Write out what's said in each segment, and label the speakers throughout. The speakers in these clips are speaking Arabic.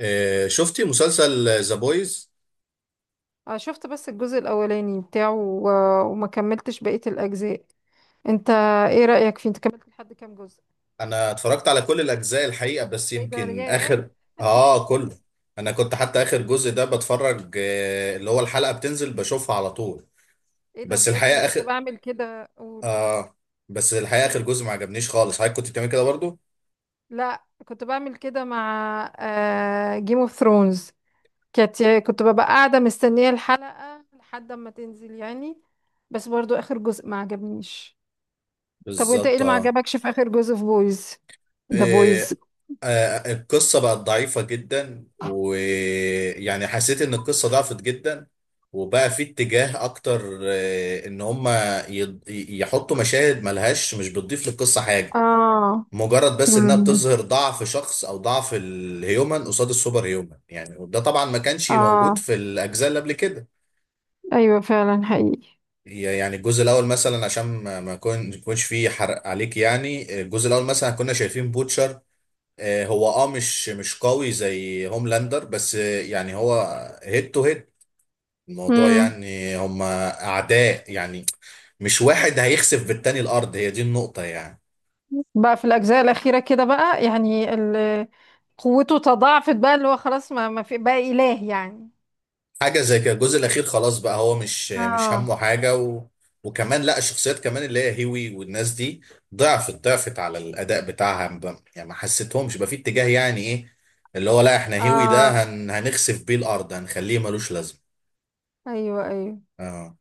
Speaker 1: شفتي مسلسل ذا بويز؟
Speaker 2: شفت بس الجزء الأولاني بتاعه و... وما كملتش بقية الأجزاء. انت، ايه رأيك فيه؟ انت كملت لحد كام جزء؟
Speaker 1: انا اتفرجت على كل الاجزاء الحقيقه، بس
Speaker 2: ايه ده!
Speaker 1: يمكن
Speaker 2: ياه،
Speaker 1: اخر. اه، كله. انا كنت حتى اخر جزء ده بتفرج، اللي هو الحلقه بتنزل بشوفها على طول.
Speaker 2: ايه ده
Speaker 1: بس
Speaker 2: بجد! انا
Speaker 1: الحقيقه
Speaker 2: كنت
Speaker 1: اخر
Speaker 2: بعمل كده، اقول.
Speaker 1: اه بس الحقيقه اخر جزء ما عجبنيش خالص. حضرتك كنت بتعمل كده برضو؟
Speaker 2: لا، كنت بعمل كده مع جيم اوف ثرونز. كنت ببقى قاعدة مستنية الحلقة لحد ما تنزل، يعني. بس برضو آخر جزء ما عجبنيش. طب وانت، ايه
Speaker 1: بالظبط،
Speaker 2: اللي ما
Speaker 1: اه.
Speaker 2: عجبكش في آخر جزء في بويز؟ ده بويز.
Speaker 1: آه، القصة بقت ضعيفة جدا، ويعني حسيت ان القصة ضعفت جدا، وبقى في اتجاه اكتر، ان هما يحطوا مشاهد ملهاش، مش بتضيف للقصة حاجة.
Speaker 2: اه.
Speaker 1: مجرد بس انها
Speaker 2: مم.
Speaker 1: بتظهر ضعف شخص او ضعف الهيومن قصاد السوبر هيومن يعني، وده طبعا ما كانش موجود
Speaker 2: اه،
Speaker 1: في الاجزاء اللي قبل كده.
Speaker 2: ايوه، فعلا حقيقي.
Speaker 1: يعني الجزء الاول مثلا، عشان ما ما يكونش فيه حرق عليك يعني، الجزء الاول مثلا كنا شايفين بوتشر، هو مش قوي زي هوملاندر، بس يعني هو هيد تو هيد. الموضوع
Speaker 2: مم.
Speaker 1: يعني هما اعداء يعني، مش واحد هيخسف بالتاني الارض، هي دي النقطة يعني.
Speaker 2: بقى في الأجزاء الأخيرة كده بقى، يعني قوته تضاعفت بقى، اللي هو خلاص ما في بقى إله، يعني.
Speaker 1: حاجة زي كده. الجزء الاخير خلاص بقى هو مش
Speaker 2: اه،
Speaker 1: همه حاجة. و... وكمان لا، الشخصيات كمان اللي هي هيوي والناس دي ضعفت على الاداء بتاعها، يعني ما حسيتهمش بقى في اتجاه، يعني ايه، اللي هو لا احنا هيوي ده
Speaker 2: اه،
Speaker 1: هنخسف بيه الارض، هنخليه ملوش لازمة.
Speaker 2: ايوه، ايوه.
Speaker 1: اه،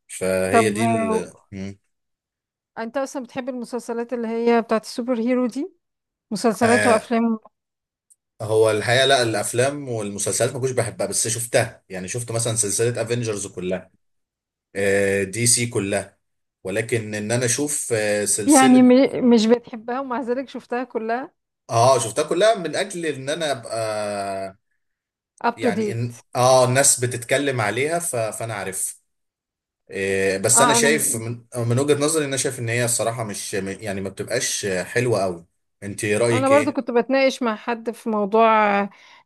Speaker 2: طب،
Speaker 1: فهي دي مم.
Speaker 2: انت اصلا بتحب المسلسلات اللي هي بتاعت السوبر هيرو دي؟ مسلسلات
Speaker 1: آه،
Speaker 2: وافلام؟
Speaker 1: هو الحقيقه لا، الافلام والمسلسلات ما كنتش بحبها، بس شفتها، يعني شفت مثلا سلسله افنجرز كلها، دي سي كلها. ولكن ان انا اشوف
Speaker 2: يعني
Speaker 1: سلسله،
Speaker 2: مش بتحبها ومع ذلك شفتها كلها
Speaker 1: اه، شفتها كلها من اجل ان انا ابقى
Speaker 2: up to
Speaker 1: يعني ان
Speaker 2: date.
Speaker 1: الناس بتتكلم عليها، فانا عارف. بس انا
Speaker 2: اه،
Speaker 1: شايف
Speaker 2: انا
Speaker 1: من وجهه نظري، ان انا شايف ان هي الصراحه مش يعني، ما بتبقاش حلوه قوي. انت
Speaker 2: انا
Speaker 1: رايك
Speaker 2: برضو
Speaker 1: ايه؟
Speaker 2: كنت بتناقش مع حد في موضوع،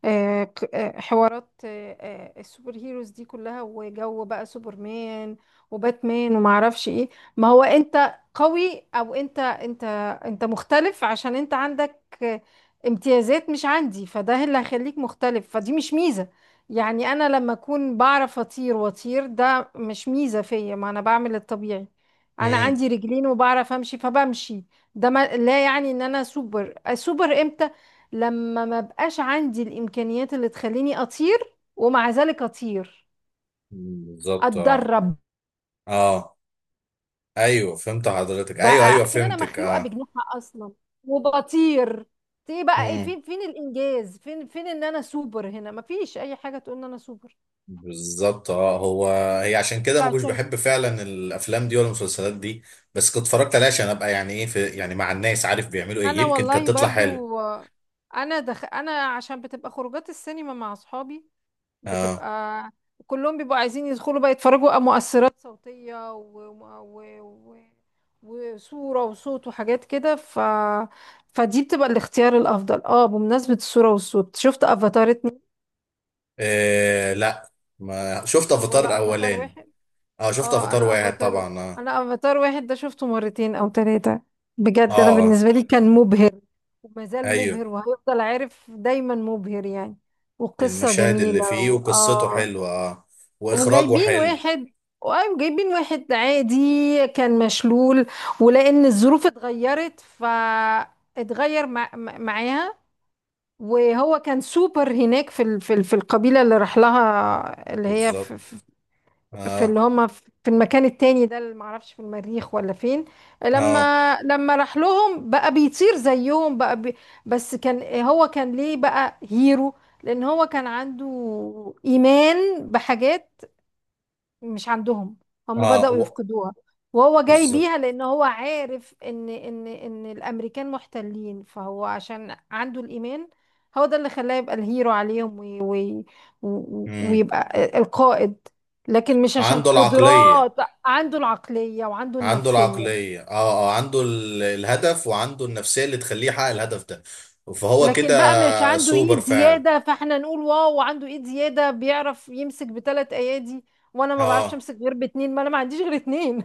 Speaker 2: حوارات السوبر هيروز دي كلها، وجو بقى سوبرمان، وباتمان، وما اعرفش ايه. ما هو انت قوي، او انت مختلف عشان انت عندك آه، امتيازات مش عندي، فده اللي هيخليك مختلف، فدي مش ميزة. يعني انا لما اكون بعرف اطير، واطير، ده مش ميزة فيا، ما انا بعمل الطبيعي. انا
Speaker 1: امم.
Speaker 2: عندي رجلين وبعرف امشي، فبمشي. ده ما لا يعني ان انا سوبر. السوبر امتى؟ لما ما بقاش عندي الامكانيات اللي تخليني اطير ومع ذلك اطير،
Speaker 1: بالظبط، اه.
Speaker 2: اتدرب.
Speaker 1: اه، ايوه فهمت حضرتك، ايوه
Speaker 2: بقى
Speaker 1: ايوه
Speaker 2: لكن انا
Speaker 1: فهمتك
Speaker 2: مخلوقه
Speaker 1: اه.
Speaker 2: بجناحها اصلا، وبطير. ايه بقى؟ ايه؟
Speaker 1: مم.
Speaker 2: فين الانجاز؟ فين ان انا سوبر؟ هنا مفيش اي حاجه تقول ان انا سوبر.
Speaker 1: بالظبط، اه. هو هي عشان كده ما كنتش
Speaker 2: فعشان ك-
Speaker 1: بحب فعلا الافلام دي ولا المسلسلات دي، بس كنت اتفرجت عليها عشان ابقى يعني ايه، في يعني مع الناس، عارف بيعملوا ايه،
Speaker 2: انا
Speaker 1: يمكن كانت
Speaker 2: والله
Speaker 1: تطلع حلو.
Speaker 2: برضو. انا عشان بتبقى خروجات السينما مع اصحابي،
Speaker 1: اه.
Speaker 2: بتبقى كلهم بيبقوا عايزين يدخلوا بقى يتفرجوا على مؤثرات صوتية و... و... و... وصورة وصوت وحاجات كده. فدي بتبقى الاختيار الأفضل. اه، بمناسبة الصورة والصوت، شفت افاتار 2؟
Speaker 1: إيه، لا ما شفت
Speaker 2: طب
Speaker 1: افاتار
Speaker 2: ولا افاتار
Speaker 1: اولاني.
Speaker 2: واحد؟
Speaker 1: اه، شفت
Speaker 2: اه،
Speaker 1: افاتار واحد طبعا، اه.
Speaker 2: انا افاتار واحد ده شفته مرتين او ثلاثة.
Speaker 1: اه،
Speaker 2: بجد انا
Speaker 1: آه.
Speaker 2: بالنسبة لي كان مبهر، وما زال
Speaker 1: ايوه،
Speaker 2: مبهر، وهيفضل عارف دايما مبهر يعني. وقصة
Speaker 1: المشاهد اللي
Speaker 2: جميلة
Speaker 1: فيه وقصته
Speaker 2: اه.
Speaker 1: حلوه اه، واخراجه
Speaker 2: وجايبين
Speaker 1: حلو.
Speaker 2: واحد وايوه، جايبين واحد عادي كان مشلول، ولان الظروف اتغيرت فاتغير معاها. وهو كان سوبر هناك في القبيله اللي راح لها، اللي هي
Speaker 1: بالظبط،
Speaker 2: في
Speaker 1: اه.
Speaker 2: اللي هم في المكان التاني ده، اللي معرفش، في المريخ ولا فين.
Speaker 1: اه
Speaker 2: لما راح لهم بقى بيطير زيهم بقى. بس كان، هو كان ليه بقى هيرو؟ لان هو كان عنده ايمان بحاجات مش عندهم، هم
Speaker 1: اه
Speaker 2: بدأوا
Speaker 1: و-
Speaker 2: يفقدوها وهو جاي
Speaker 1: بالظبط.
Speaker 2: بيها، لأن هو عارف إن الأمريكان محتلين، فهو عشان عنده الإيمان، هو ده اللي خلاه يبقى الهيرو عليهم وي وي و-
Speaker 1: امم.
Speaker 2: ويبقى القائد. لكن مش عشان
Speaker 1: عنده العقليه.
Speaker 2: قدرات، عنده العقلية وعنده
Speaker 1: عنده
Speaker 2: النفسية.
Speaker 1: العقلية، اه. اه، عنده الهدف، وعنده النفسية اللي تخليه يحقق الهدف ده، فهو
Speaker 2: لكن بقى مش
Speaker 1: كده
Speaker 2: عنده
Speaker 1: سوبر
Speaker 2: ايد
Speaker 1: فعلا.
Speaker 2: زيادة، فاحنا نقول واو، عنده ايد زيادة بيعرف يمسك بثلاث ايادي، وانا ما بعرفش
Speaker 1: اه،
Speaker 2: امسك غير باتنين، ما انا ما عنديش غير اتنين.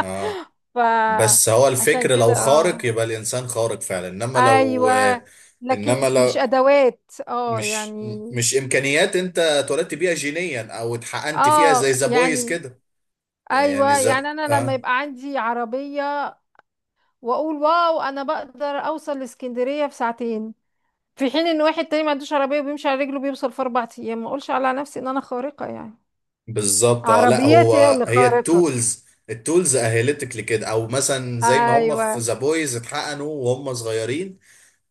Speaker 1: اه، بس هو
Speaker 2: فعشان
Speaker 1: الفكر، لو
Speaker 2: كده.
Speaker 1: خارق
Speaker 2: اه،
Speaker 1: يبقى الإنسان خارق فعلا، انما لو
Speaker 2: ايوه، لكن
Speaker 1: انما
Speaker 2: مش
Speaker 1: لو
Speaker 2: ادوات. اه،
Speaker 1: مش
Speaker 2: يعني،
Speaker 1: مش إمكانيات انت اتولدت بيها جينيا او اتحقنت فيها زي
Speaker 2: اه،
Speaker 1: ذا بويز
Speaker 2: يعني،
Speaker 1: كده. يعني
Speaker 2: ايوه،
Speaker 1: ذا
Speaker 2: يعني انا لما
Speaker 1: اه.
Speaker 2: يبقى عندي عربيه، واقول واو، انا بقدر اوصل لاسكندريه في ساعتين، في حين ان واحد تاني ما عندوش عربيه وبيمشي على رجله بيوصل في 4 ايام، ما اقولش على نفسي ان انا خارقه، يعني.
Speaker 1: بالظبط، اه. لا،
Speaker 2: عربيتي هي
Speaker 1: هو
Speaker 2: اللي
Speaker 1: هي
Speaker 2: خارقه.
Speaker 1: التولز اهلتك لكده، او مثلا زي ما هم
Speaker 2: ايوه،
Speaker 1: في ذا بويز اتحقنوا وهم صغيرين،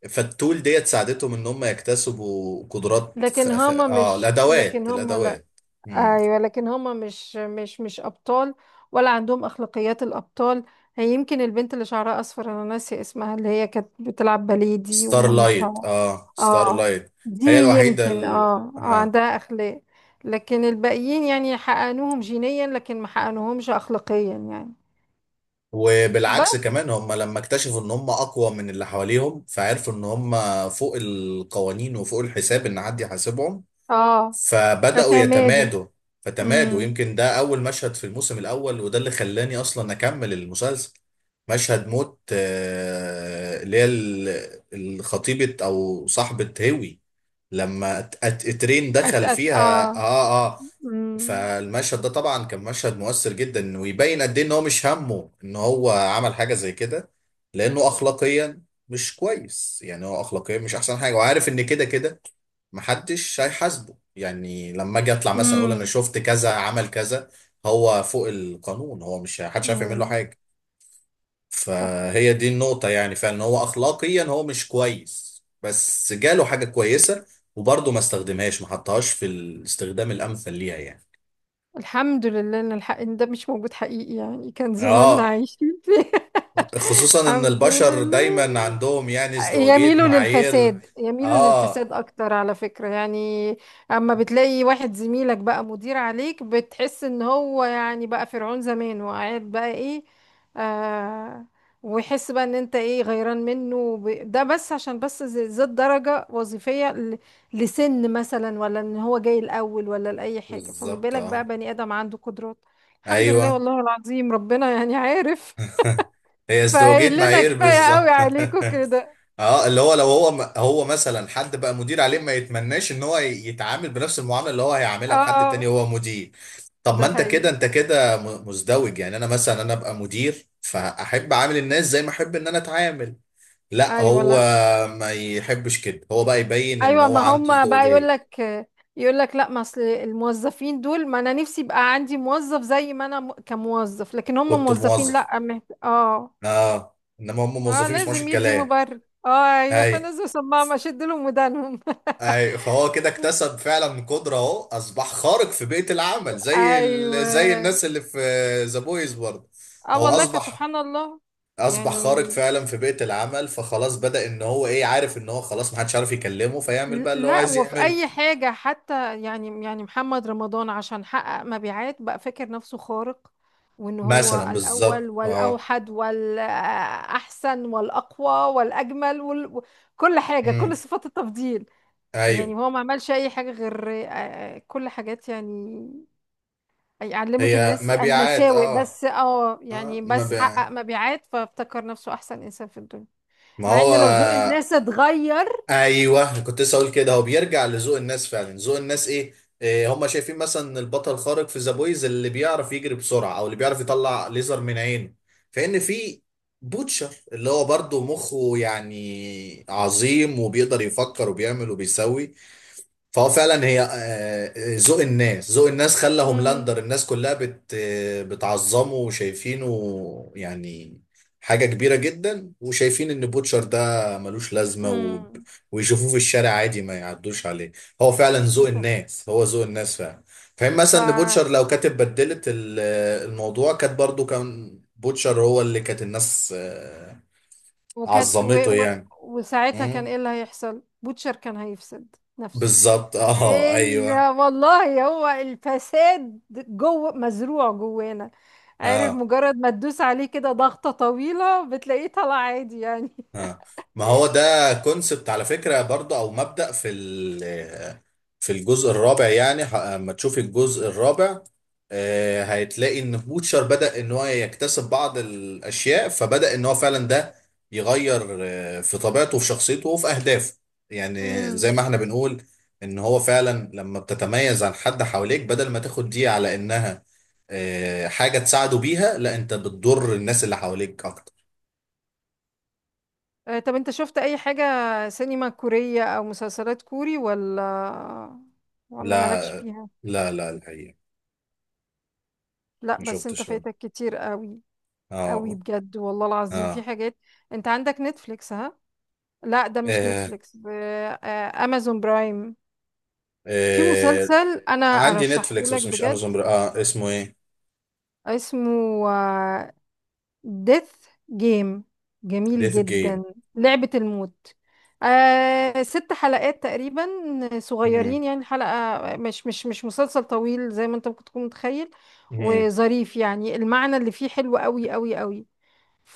Speaker 1: فالتول ديت ساعدتهم ان هم يكتسبوا قدرات، خ... خ... اه
Speaker 2: لكن
Speaker 1: الادوات،
Speaker 2: هما لا.
Speaker 1: الادوات. مم.
Speaker 2: ايوه، لكن هما مش ابطال، ولا عندهم اخلاقيات الابطال. هي يمكن البنت اللي شعرها اصفر، انا ناسيه اسمها، اللي هي كانت بتلعب باليه دي
Speaker 1: ستار لايت،
Speaker 2: ومامتها.
Speaker 1: اه ستار
Speaker 2: اه،
Speaker 1: لايت.
Speaker 2: دي
Speaker 1: هي الوحيده
Speaker 2: يمكن
Speaker 1: آه.
Speaker 2: عندها اخلاق. لكن الباقيين يعني حقنوهم جينيا، لكن ما حقنوهمش اخلاقيا يعني.
Speaker 1: وبالعكس
Speaker 2: بس.
Speaker 1: كمان، هم لما اكتشفوا ان هم اقوى من اللي حواليهم، فعرفوا ان هم فوق القوانين وفوق الحساب، ان حد يحاسبهم،
Speaker 2: اه.
Speaker 1: فبدأوا
Speaker 2: فتمادوا.
Speaker 1: يتمادوا، فتمادوا.
Speaker 2: امم.
Speaker 1: يمكن ده أول مشهد في الموسم الأول، وده اللي خلاني أصلا أكمل المسلسل، مشهد موت اللي هي الخطيبة أو صاحبة هوي، لما ترين
Speaker 2: أت.
Speaker 1: دخل
Speaker 2: أت.
Speaker 1: فيها.
Speaker 2: اه.
Speaker 1: اه، اه.
Speaker 2: امم.
Speaker 1: فالمشهد ده طبعا كان مشهد مؤثر جدا، ويبين قد ايه ان هو مش همه ان هو عمل حاجه زي كده، لانه اخلاقيا مش كويس. يعني هو اخلاقيا مش احسن حاجه، وعارف ان كده كده محدش هيحاسبه، يعني لما اجي اطلع مثلا اقول انا
Speaker 2: امم.
Speaker 1: شفت كذا عمل كذا، هو فوق القانون، هو مش، محدش عارف يعمل له
Speaker 2: امم.
Speaker 1: حاجه.
Speaker 2: صح.
Speaker 1: فهي دي النقطة يعني، فعلا هو أخلاقيا هو مش كويس، بس جاله حاجة كويسة وبرضه ما استخدمهاش، ما حطهاش في الاستخدام الأمثل ليها يعني.
Speaker 2: الحمد لله ان الحق ان ده مش موجود حقيقي، يعني كان زماننا
Speaker 1: اه،
Speaker 2: عايشين فيه.
Speaker 1: خصوصا إن
Speaker 2: الحمد
Speaker 1: البشر
Speaker 2: لله.
Speaker 1: دايما عندهم يعني ازدواجية
Speaker 2: يميلوا
Speaker 1: معايير.
Speaker 2: للفساد، يميلوا
Speaker 1: اه،
Speaker 2: للفساد اكتر، على فكرة يعني. اما بتلاقي واحد زميلك بقى مدير عليك، بتحس ان هو يعني بقى فرعون زمان وقاعد بقى ايه، آه، ويحس بقى ان انت ايه، غيران منه ده بس عشان بس زاد درجة وظيفية لسن مثلا، ولا ان هو جاي الاول، ولا لاي حاجة. فما
Speaker 1: بالظبط،
Speaker 2: بالك بقى
Speaker 1: اه،
Speaker 2: بني ادم عنده قدرات؟ الحمد لله،
Speaker 1: ايوه.
Speaker 2: والله العظيم ربنا يعني عارف،
Speaker 1: هي ازدواجية
Speaker 2: فقايل لنا
Speaker 1: معايير،
Speaker 2: كفاية قوي
Speaker 1: بالظبط.
Speaker 2: عليكم كده.
Speaker 1: اه، اللي هو لو هو مثلا حد بقى مدير عليه، ما يتمناش ان هو يتعامل بنفس المعاملة اللي هو هيعاملها لحد
Speaker 2: اه،
Speaker 1: تاني هو مدير. طب ما
Speaker 2: ده
Speaker 1: انت
Speaker 2: حقيقي.
Speaker 1: كده انت كده مزدوج. يعني انا مثلا، انا ابقى مدير، فاحب اعامل الناس زي ما احب ان انا اتعامل. لا،
Speaker 2: ايوه.
Speaker 1: هو
Speaker 2: لا.
Speaker 1: ما يحبش كده، هو بقى يبين ان
Speaker 2: ايوه،
Speaker 1: هو
Speaker 2: ما
Speaker 1: عنده
Speaker 2: هم بقى يقول
Speaker 1: ازدواجية.
Speaker 2: لك، لا، ما اصل الموظفين دول، ما انا نفسي يبقى عندي موظف زي ما انا كموظف، لكن هم
Speaker 1: كنت
Speaker 2: موظفين
Speaker 1: موظف.
Speaker 2: لا. اه.
Speaker 1: اه، انما هم موظفين
Speaker 2: اه،
Speaker 1: ما بيسمعوش
Speaker 2: لازم يدي
Speaker 1: الكلام.
Speaker 2: مبرر. اه، ايوه،
Speaker 1: اي،
Speaker 2: فنزلوا سماعة، ما شد لهم ودانهم.
Speaker 1: اي، فهو كده اكتسب فعلا قدرة، اهو اصبح خارق في بيئة العمل، زي زي
Speaker 2: ايوه.
Speaker 1: الناس اللي في ذا بويز برضه.
Speaker 2: اه
Speaker 1: هو
Speaker 2: والله،
Speaker 1: اصبح
Speaker 2: فسبحان الله.
Speaker 1: اصبح
Speaker 2: يعني
Speaker 1: خارق فعلا في بيئة العمل، فخلاص بدأ ان هو ايه، عارف ان هو خلاص محدش عارف يكلمه، فيعمل بقى اللي هو
Speaker 2: لا،
Speaker 1: عايز
Speaker 2: وفي
Speaker 1: يعمله.
Speaker 2: اي حاجة حتى، يعني محمد رمضان عشان حقق مبيعات بقى فاكر نفسه خارق، وان هو
Speaker 1: مثلا، بالظبط،
Speaker 2: الاول
Speaker 1: اه.
Speaker 2: والاوحد والاحسن والاقوى والاجمل كل حاجة،
Speaker 1: امم.
Speaker 2: كل صفات التفضيل.
Speaker 1: ايوه.
Speaker 2: يعني هو ما عملش اي حاجة غير كل حاجات، يعني علمت
Speaker 1: هي
Speaker 2: الناس
Speaker 1: مبيعات،
Speaker 2: المساوئ
Speaker 1: اه.
Speaker 2: بس. اه،
Speaker 1: اه،
Speaker 2: يعني بس
Speaker 1: مبيعات.
Speaker 2: حقق مبيعات فافتكر نفسه احسن انسان في الدنيا.
Speaker 1: ما
Speaker 2: مع
Speaker 1: هو،
Speaker 2: ان لو ذوق الناس اتغير.
Speaker 1: ايوه كنت لسه اقول كده، هو بيرجع لذوق الناس فعلا، ذوق الناس ايه، إيه هم شايفين مثلا البطل الخارق في ذا بويز اللي بيعرف يجري بسرعه، او اللي بيعرف يطلع ليزر من عينه، فان في بوتشر اللي هو برضه مخه يعني عظيم، وبيقدر يفكر وبيعمل وبيسوي. فهو فعلا، هي ذوق الناس، خلى هوملاندر الناس كلها بت آه، بتعظمه وشايفينه يعني حاجة كبيرة جدا، وشايفين ان بوتشر ده ملوش لازمة، و...
Speaker 2: امم.
Speaker 1: ويشوفوه في الشارع عادي ما يعدوش عليه. هو فعلا ذوق الناس، هو ذوق الناس فعلا. فاهم
Speaker 2: ف
Speaker 1: مثلا ان بوتشر لو كانت بدلت الموضوع، كانت برضو كان بوتشر هو اللي كانت الناس
Speaker 2: وكانت و...
Speaker 1: عظمته
Speaker 2: و...
Speaker 1: يعني.
Speaker 2: وساعتها كان
Speaker 1: مم.
Speaker 2: ايه اللي هيحصل، بوتشر كان هيفسد نفسه.
Speaker 1: بالظبط، اه،
Speaker 2: لان
Speaker 1: ايوه.
Speaker 2: والله هو الفساد جوه مزروع جوانا، عارف،
Speaker 1: اه،
Speaker 2: مجرد ما تدوس عليه كده ضغطة طويلة بتلاقيه طلع عادي، يعني.
Speaker 1: آه. ما هو ده كونسبت على فكرة برضه، او مبدأ في في الجزء الرابع. يعني اما تشوفي الجزء الرابع، هتلاقي ان بوتشر بدأ ان هو يكتسب بعض الاشياء، فبدأ ان هو فعلا ده يغير في طبيعته وفي شخصيته وفي اهدافه. يعني زي ما
Speaker 2: امم.
Speaker 1: احنا بنقول، ان هو فعلا لما بتتميز عن حد حواليك، بدل ما تاخد دي على انها حاجة تساعده بيها، لا، انت بتضر الناس اللي حواليك اكتر.
Speaker 2: طب انت شفت اي حاجة سينما كورية او مسلسلات كوري، ولا
Speaker 1: لا،
Speaker 2: مالكش فيها؟
Speaker 1: لا لا، الحقيقة
Speaker 2: لا،
Speaker 1: ما
Speaker 2: بس انت
Speaker 1: شفتش ولا،
Speaker 2: فايتك كتير قوي. قوي
Speaker 1: اه،
Speaker 2: بجد، والله العظيم في
Speaker 1: اه،
Speaker 2: حاجات. انت عندك نتفليكس؟ ها، لا، ده مش
Speaker 1: آه.
Speaker 2: نتفليكس امازون برايم. في
Speaker 1: آه.
Speaker 2: مسلسل انا
Speaker 1: عندي
Speaker 2: ارشحه
Speaker 1: نتفليكس،
Speaker 2: لك
Speaker 1: بس مش
Speaker 2: بجد،
Speaker 1: امازون بر... اه اسمه ايه؟
Speaker 2: اسمه ديث جيم. جميل
Speaker 1: ديث جيم.
Speaker 2: جدا، لعبة الموت. آه، ست حلقات تقريبا،
Speaker 1: مم.
Speaker 2: صغيرين يعني حلقة. مش مسلسل طويل زي ما انت ممكن تكون متخيل.
Speaker 1: مم.
Speaker 2: وظريف، يعني المعنى اللي فيه حلو قوي قوي قوي.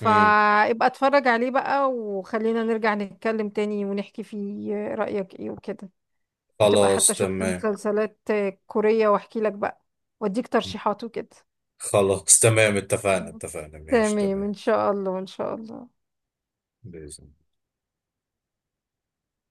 Speaker 1: مم.
Speaker 2: اتفرج عليه بقى، وخلينا نرجع نتكلم تاني ونحكي فيه رأيك ايه وكده. وتبقى
Speaker 1: خلاص
Speaker 2: حتى شفت
Speaker 1: تمام.
Speaker 2: مسلسلات كورية واحكي لك بقى، واديك ترشيحات وكده.
Speaker 1: خلاص تمام، اتفقنا اتفقنا، ماشي
Speaker 2: تمام،
Speaker 1: تمام.
Speaker 2: ان شاء الله، ان شاء الله.
Speaker 1: بإذن.